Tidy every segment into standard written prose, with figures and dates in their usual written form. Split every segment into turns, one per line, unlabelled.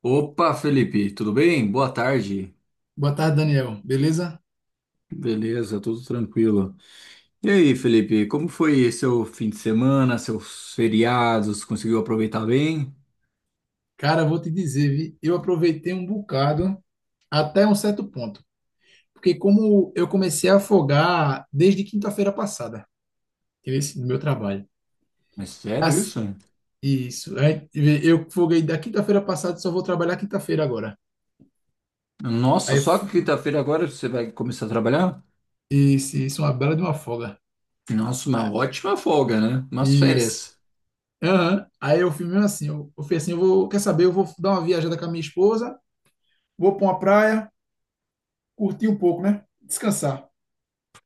Opa, Felipe, tudo bem? Boa tarde.
Boa tarde, Daniel. Beleza?
Beleza, tudo tranquilo. E aí, Felipe, como foi seu fim de semana, seus feriados? Conseguiu aproveitar bem?
Cara, vou te dizer, vi, eu aproveitei um bocado até um certo ponto, porque como eu comecei a afogar desde quinta-feira passada, esse no meu trabalho.
É sério
Mas
isso?
isso, aí, vê, eu foguei da quinta-feira passada, só vou trabalhar quinta-feira agora.
Nossa,
Aí
só quinta-feira agora você vai começar a trabalhar?
isso é uma bela de uma folga.
Nossa, uma
Ah,
ótima folga, né? Umas
isso.
férias.
Aham. Aí eu fui mesmo assim, eu fui assim, eu vou, quer saber, eu vou dar uma viajada com a minha esposa, vou para uma praia, curtir um pouco, né? Descansar.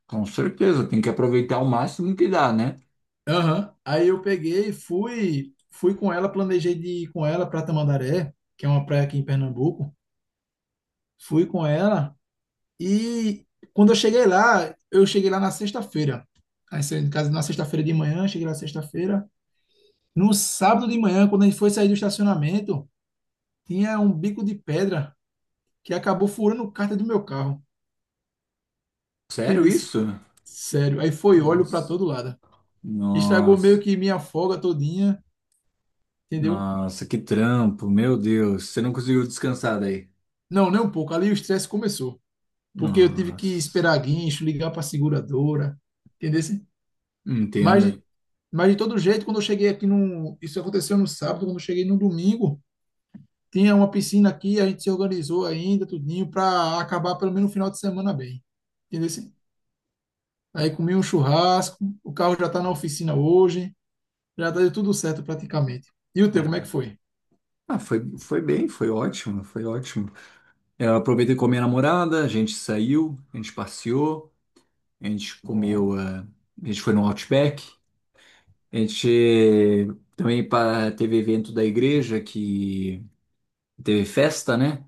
Com certeza, tem que aproveitar o máximo que dá, né?
Aham. Aí eu peguei, fui com ela, planejei de ir com ela para Tamandaré, que é uma praia aqui em Pernambuco. Fui com ela e quando eu cheguei lá na sexta-feira. Aí saí de casa na sexta-feira de manhã, cheguei lá sexta-feira. No sábado de manhã, quando a gente foi sair do estacionamento, tinha um bico de pedra que acabou furando o cárter do meu carro.
Sério
Entendesse?
isso?
Sério. Aí foi óleo para
Nossa,
todo lado. Estragou meio
nossa,
que minha folga todinha, entendeu?
nossa, que trampo, meu Deus. Você não conseguiu descansar daí?
Não, nem um pouco. Ali o estresse começou. Porque eu tive que
Nossa.
esperar guincho, ligar para a seguradora, entendeu? Assim, Mas,
Entendo, hein?
mas de todo jeito, quando eu cheguei aqui no, isso aconteceu no sábado, quando eu cheguei no domingo, tinha uma piscina aqui, a gente se organizou ainda, tudinho, para acabar pelo menos no final de semana bem, entendeu? Assim, aí comi um churrasco, o carro já está na oficina hoje, já deu tudo certo praticamente. E o teu, como é
É.
que foi?
Ah, foi bem, foi ótimo, foi ótimo. Eu aproveitei com a minha namorada, a gente saiu, a gente passeou, a gente
Bom,
comeu, a gente foi no Outback, a gente também teve evento da igreja que teve festa, né?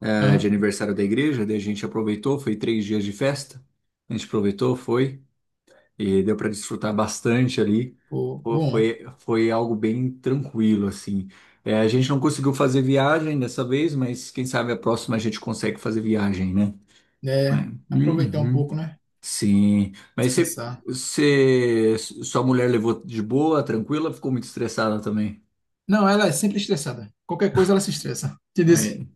De
ah,
aniversário da igreja, daí a gente aproveitou, foi 3 dias de festa. A gente aproveitou, foi, e deu para desfrutar bastante ali.
pô,
Pô,
bom,
foi, foi algo bem tranquilo, assim. É, a gente não conseguiu fazer viagem dessa vez, mas quem sabe a próxima a gente consegue fazer viagem, né?
né? Aproveitar um
Uhum.
pouco, né?
Sim. Mas
Descansar.
sua mulher levou de boa, tranquila, ficou muito estressada também.
Não, ela é sempre estressada. Qualquer coisa ela se estressa. Entendeu? Assim,
Aí.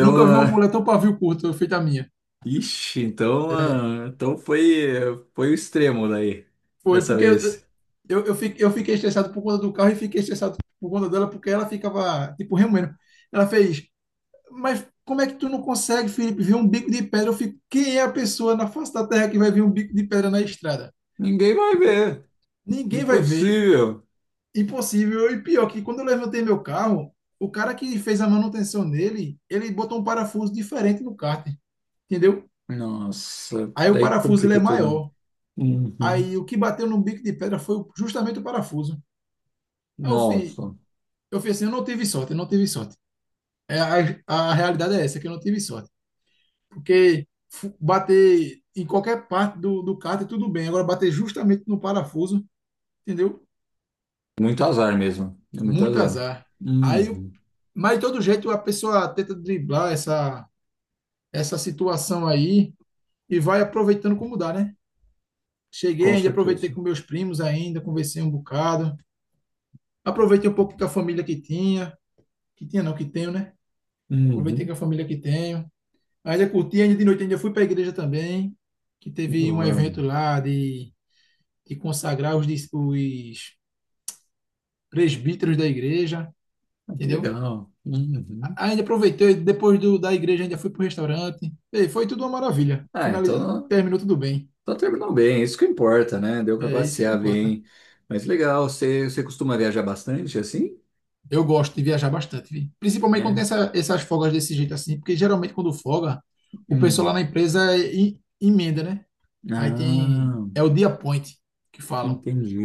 nunca vi uma mulher tão pavio curto feita a minha.
ixi, então,
É.
então foi, foi o extremo daí,
Foi
dessa
porque eu,
vez.
eu, eu, fi- eu fiquei estressado por conta do carro e fiquei estressado por conta dela porque ela ficava, tipo, remoendo. Ela fez, mas como é que tu não consegue, Felipe, ver um bico de pedra? Eu fico, quem é a pessoa na face da terra que vai ver um bico de pedra na estrada?
Ninguém vai ver.
Ninguém vai ver,
Impossível.
impossível. E pior que quando eu levantei meu carro, o cara que fez a manutenção nele, ele botou um parafuso diferente no kart, entendeu?
Nossa,
Aí o
daí
parafuso ele é
complica tudo.
maior.
Uhum.
Aí o que bateu no bico de pedra foi justamente o parafuso. Aí
Nossa,
eu fiz assim, eu não tive sorte, eu não tive sorte. É, a realidade é essa, que eu não tive sorte. Porque bater em qualquer parte do cárter, tudo bem. Agora bater justamente no parafuso, entendeu?
muito azar mesmo. É muito
Muito
azar.
azar. Aí,
Uhum.
mas de todo jeito a pessoa tenta driblar essa situação aí e vai aproveitando como dá, né? Cheguei
Com
ainda, aproveitei
certeza.
com meus primos ainda, conversei um bocado. Aproveitei um pouco com a família que tinha não, que tenho, né? Aproveitei com a
Uhum.
família que tenho. Ainda curti, ainda de noite ainda fui para a igreja também, que teve um
Boa.
evento lá de consagrar os presbíteros da igreja,
Ah, que
entendeu?
legal. Uhum.
Ainda aproveitei, depois da igreja ainda fui para o restaurante. Ei, foi tudo uma maravilha.
Ah,
Finali-
então,
terminou tudo bem.
então terminou bem. Isso que importa, né? Deu para
É isso é que
passear
importa.
bem. Mas legal, você, você costuma viajar bastante assim?
Eu gosto de viajar bastante, vi. Principalmente quando tem
É.
essas folgas desse jeito assim, porque geralmente quando folga, o
Hum.
pessoal lá na empresa é emenda, né? Aí tem,
Ah,
é o dia point que falam.
entendi.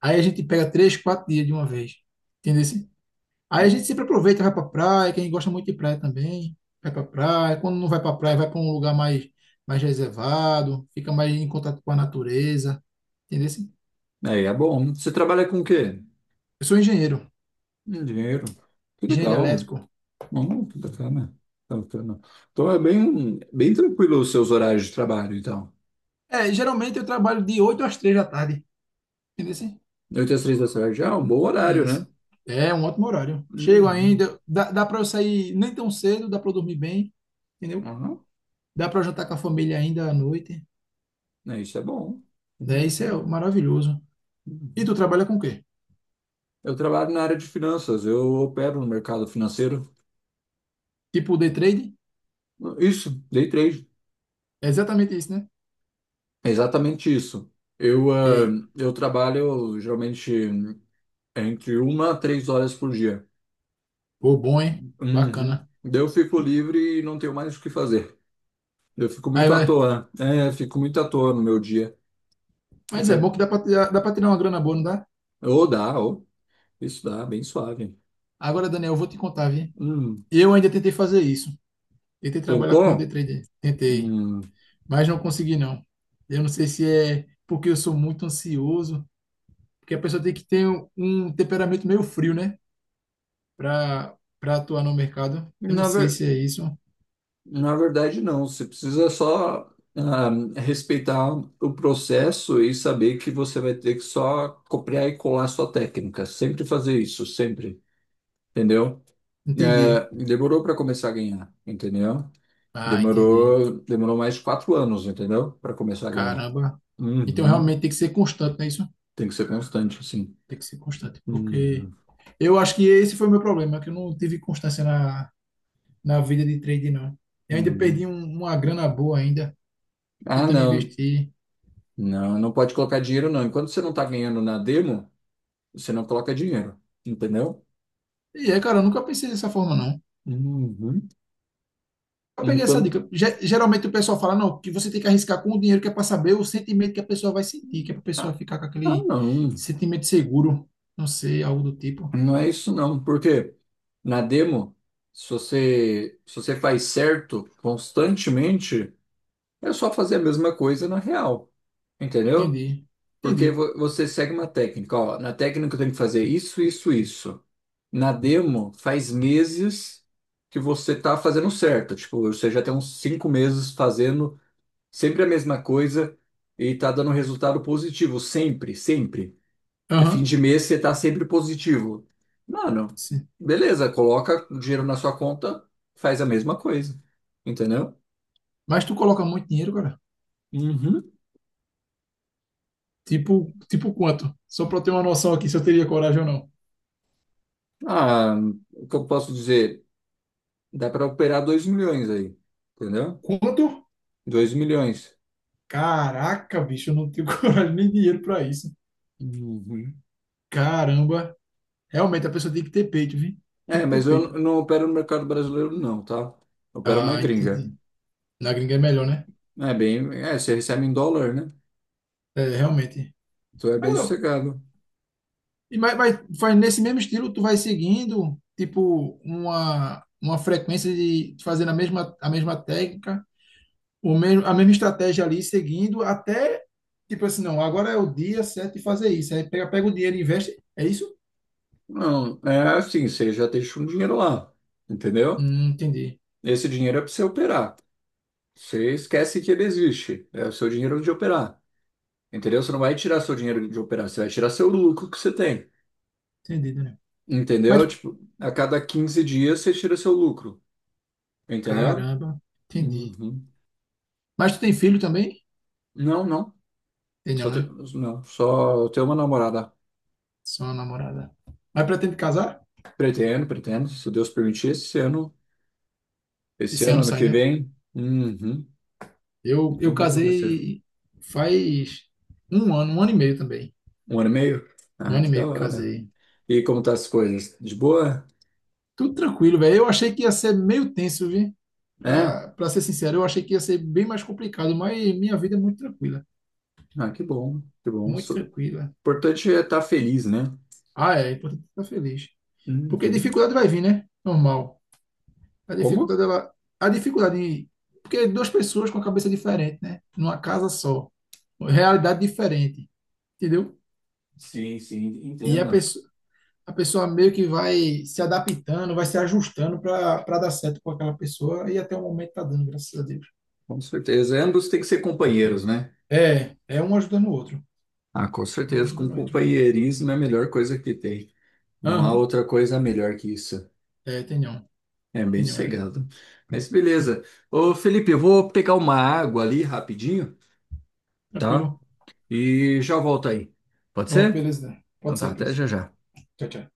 Aí a gente pega 3, 4 dias de uma vez. Entendeu? Assim? Aí a gente sempre aproveita, vai pra praia, quem gosta muito de praia também, vai pra praia. Quando não vai pra praia, vai pra um lugar mais reservado, fica mais em contato com a natureza. Entendeu? Assim?
Aí é bom. Você trabalha com o quê?
Eu sou engenheiro,
Dinheiro. Que
engenheiro
legal.
elétrico.
Oh, que bacana. Que bacana. Então é bem, bem tranquilo os seus horários de trabalho, então.
É, geralmente eu trabalho de 8 às 3 da tarde. Entendeu? Assim?
8 às 3 da tarde, ah, um bom horário, né?
Isso. É um ótimo horário. Chego
Uhum.
ainda, dá para eu sair nem tão cedo, dá para eu dormir bem, entendeu?
Aham.
Dá para eu jantar com a família ainda à noite.
É, isso é bom.
É, isso é
Uhum.
maravilhoso. E tu
Uhum.
trabalha com o quê?
Eu trabalho na área de finanças, eu opero no mercado financeiro.
Tipo o day trade,
Isso, day trade.
é exatamente isso, né?
É exatamente isso. Eu, ah,
E,
eu trabalho geralmente entre 1 a 3 horas por dia.
pô, bom, hein?
Uhum.
Bacana.
Daí eu fico livre e não tenho mais o que fazer. Eu fico
Aí
muito à
vai.
toa. É, fico muito à toa no meu dia.
Mas
Porque,
é bom que dá pra tirar uma grana boa, não dá?
ou dá, ou isso dá, bem suave.
Agora, Daniel, eu vou te contar, viu?
Hum,
Eu ainda tentei fazer isso. Tentei trabalhar como day
tentou?
trader. Tentei.
Hum,
Mas não consegui, não. Eu não sei se é porque eu sou muito ansioso, porque a pessoa tem que ter um temperamento meio frio, né? Pra atuar no mercado. Eu não
na
sei
ver,
se é isso.
na verdade, não. Você precisa só ah, respeitar o processo e saber que você vai ter que só copiar e colar sua técnica. Sempre fazer isso, sempre. Entendeu?
Entendi.
É, demorou para começar a ganhar, entendeu?
Ah, entendi.
Demorou, demorou mais de 4 anos, entendeu? Para começar a ganhar.
Caramba. Então,
Uhum.
realmente tem que ser constante, não é isso?
Tem que ser constante, assim.
Tem que ser constante, porque
Uhum,
eu acho que esse foi o meu problema, que eu não tive constância na vida de trade, não. E ainda perdi
uhum.
uma grana boa ainda,
Ah,
tentando
não.
investir.
Não, não pode colocar dinheiro, não. Enquanto você não está ganhando na demo, você não coloca dinheiro. Entendeu?
E é, cara, eu nunca pensei dessa forma, não.
Uhum.
Eu peguei essa
Então,
dica. Geralmente o pessoal fala, não, que você tem que arriscar com o dinheiro, que é para saber o sentimento que a pessoa vai sentir, que é para a pessoa
ah,
ficar com aquele
não.
sentimento seguro, não sei, algo do tipo.
Não é isso, não. Porque na demo, se você faz certo constantemente, é só fazer a mesma coisa na real. Entendeu?
Entendi,
Porque
entendi.
você segue uma técnica, ó, na técnica eu tenho que fazer isso, isso, isso. Na demo, faz meses que você tá fazendo certo, tipo, você já tem uns 5 meses fazendo sempre a mesma coisa e tá dando resultado positivo, sempre, sempre. É fim
Aham,
de mês, você tá sempre positivo. Mano,
sim.
beleza, coloca o dinheiro na sua conta, faz a mesma coisa, entendeu?
Mas tu coloca muito dinheiro, cara?
Uhum.
Tipo quanto? Só para eu ter uma noção aqui se eu teria coragem ou não.
Ah, o que eu posso dizer? Dá para operar 2 milhões aí, entendeu?
Quanto?
2 milhões.
Caraca, bicho, eu não tenho coragem nem dinheiro pra isso.
Uhum.
Caramba. Realmente, a pessoa tem que ter peito, viu? Tem
É,
que ter
mas eu
peito.
não opero no mercado brasileiro, não, tá? Eu opero na
Ah,
gringa.
entendi. Na gringa é melhor, né?
É bem. É, você recebe em dólar, né?
É, realmente.
Então é bem
Agora,
sossegado.
e mas faz nesse mesmo estilo, tu vai seguindo, tipo, uma frequência de fazendo a mesma técnica, a mesma estratégia ali, seguindo, até, tipo assim, não, agora é o dia certo de fazer isso. Aí pega o dinheiro e investe. É isso?
Não, é assim, você já deixa um dinheiro lá, entendeu?
Entendi.
Esse dinheiro é para você operar. Você esquece que ele existe. É o seu dinheiro de operar, entendeu? Você não vai tirar seu dinheiro de operar, você vai tirar seu lucro que você tem,
Entendi, Daniel.
entendeu?
Mas,
Tipo, a cada 15 dias você tira seu lucro, entendeu?
caramba, entendi.
Uhum.
Mas tu tem filho também?
Não, não.
Tem
Só
não,
te-
né?
Não, só ter uma namorada.
Só uma namorada. Mas pretende casar?
Pretendo, pretendo, se Deus permitir, esse ano. Esse
Esse
ano,
ano
ano
sai,
que
né?
vem. Uhum.
Eu
Não vi como vai ser.
casei faz um ano e meio também.
Um ano e meio?
Um
Ah,
ano e
que da
meio que
hora.
casei.
E como tá as coisas? De boa?
Tudo tranquilo, velho. Eu achei que ia ser meio tenso, viu?
É?
Pra ser sincero, eu achei que ia ser bem mais complicado, mas minha vida é muito tranquila.
Ah, que bom, que bom.
Muito
O
tranquila.
importante é estar feliz, né?
Ah, é importante estar feliz. Porque
Uhum.
dificuldade vai vir, né? Normal. A
Como?
dificuldade, ela... A dificuldade... Porque duas pessoas com a cabeça diferente, né? Numa casa só. Realidade diferente, entendeu?
Sim, sim,
E a
entendo.
pessoa, a pessoa meio que vai se adaptando, vai se ajustando para dar certo com aquela pessoa e até o momento tá dando, graças a Deus.
Com certeza. Ambos têm que ser companheiros, né?
É, é um ajudando o outro,
Ah, com
um
certeza. Com
ajudando o outro.
companheirismo é a melhor coisa que tem. Não há
Aham,
outra coisa melhor que isso.
é, tenham,
É bem
tenham, é
sossegado. Mas beleza. Ô, Felipe, eu vou pegar uma água ali rapidinho, tá?
tranquilo.
E já volto aí. Pode
Pronto,
ser?
beleza.
Então
Pode
tá,
ser,
até
beleza.
já já.
Tchau, tchau.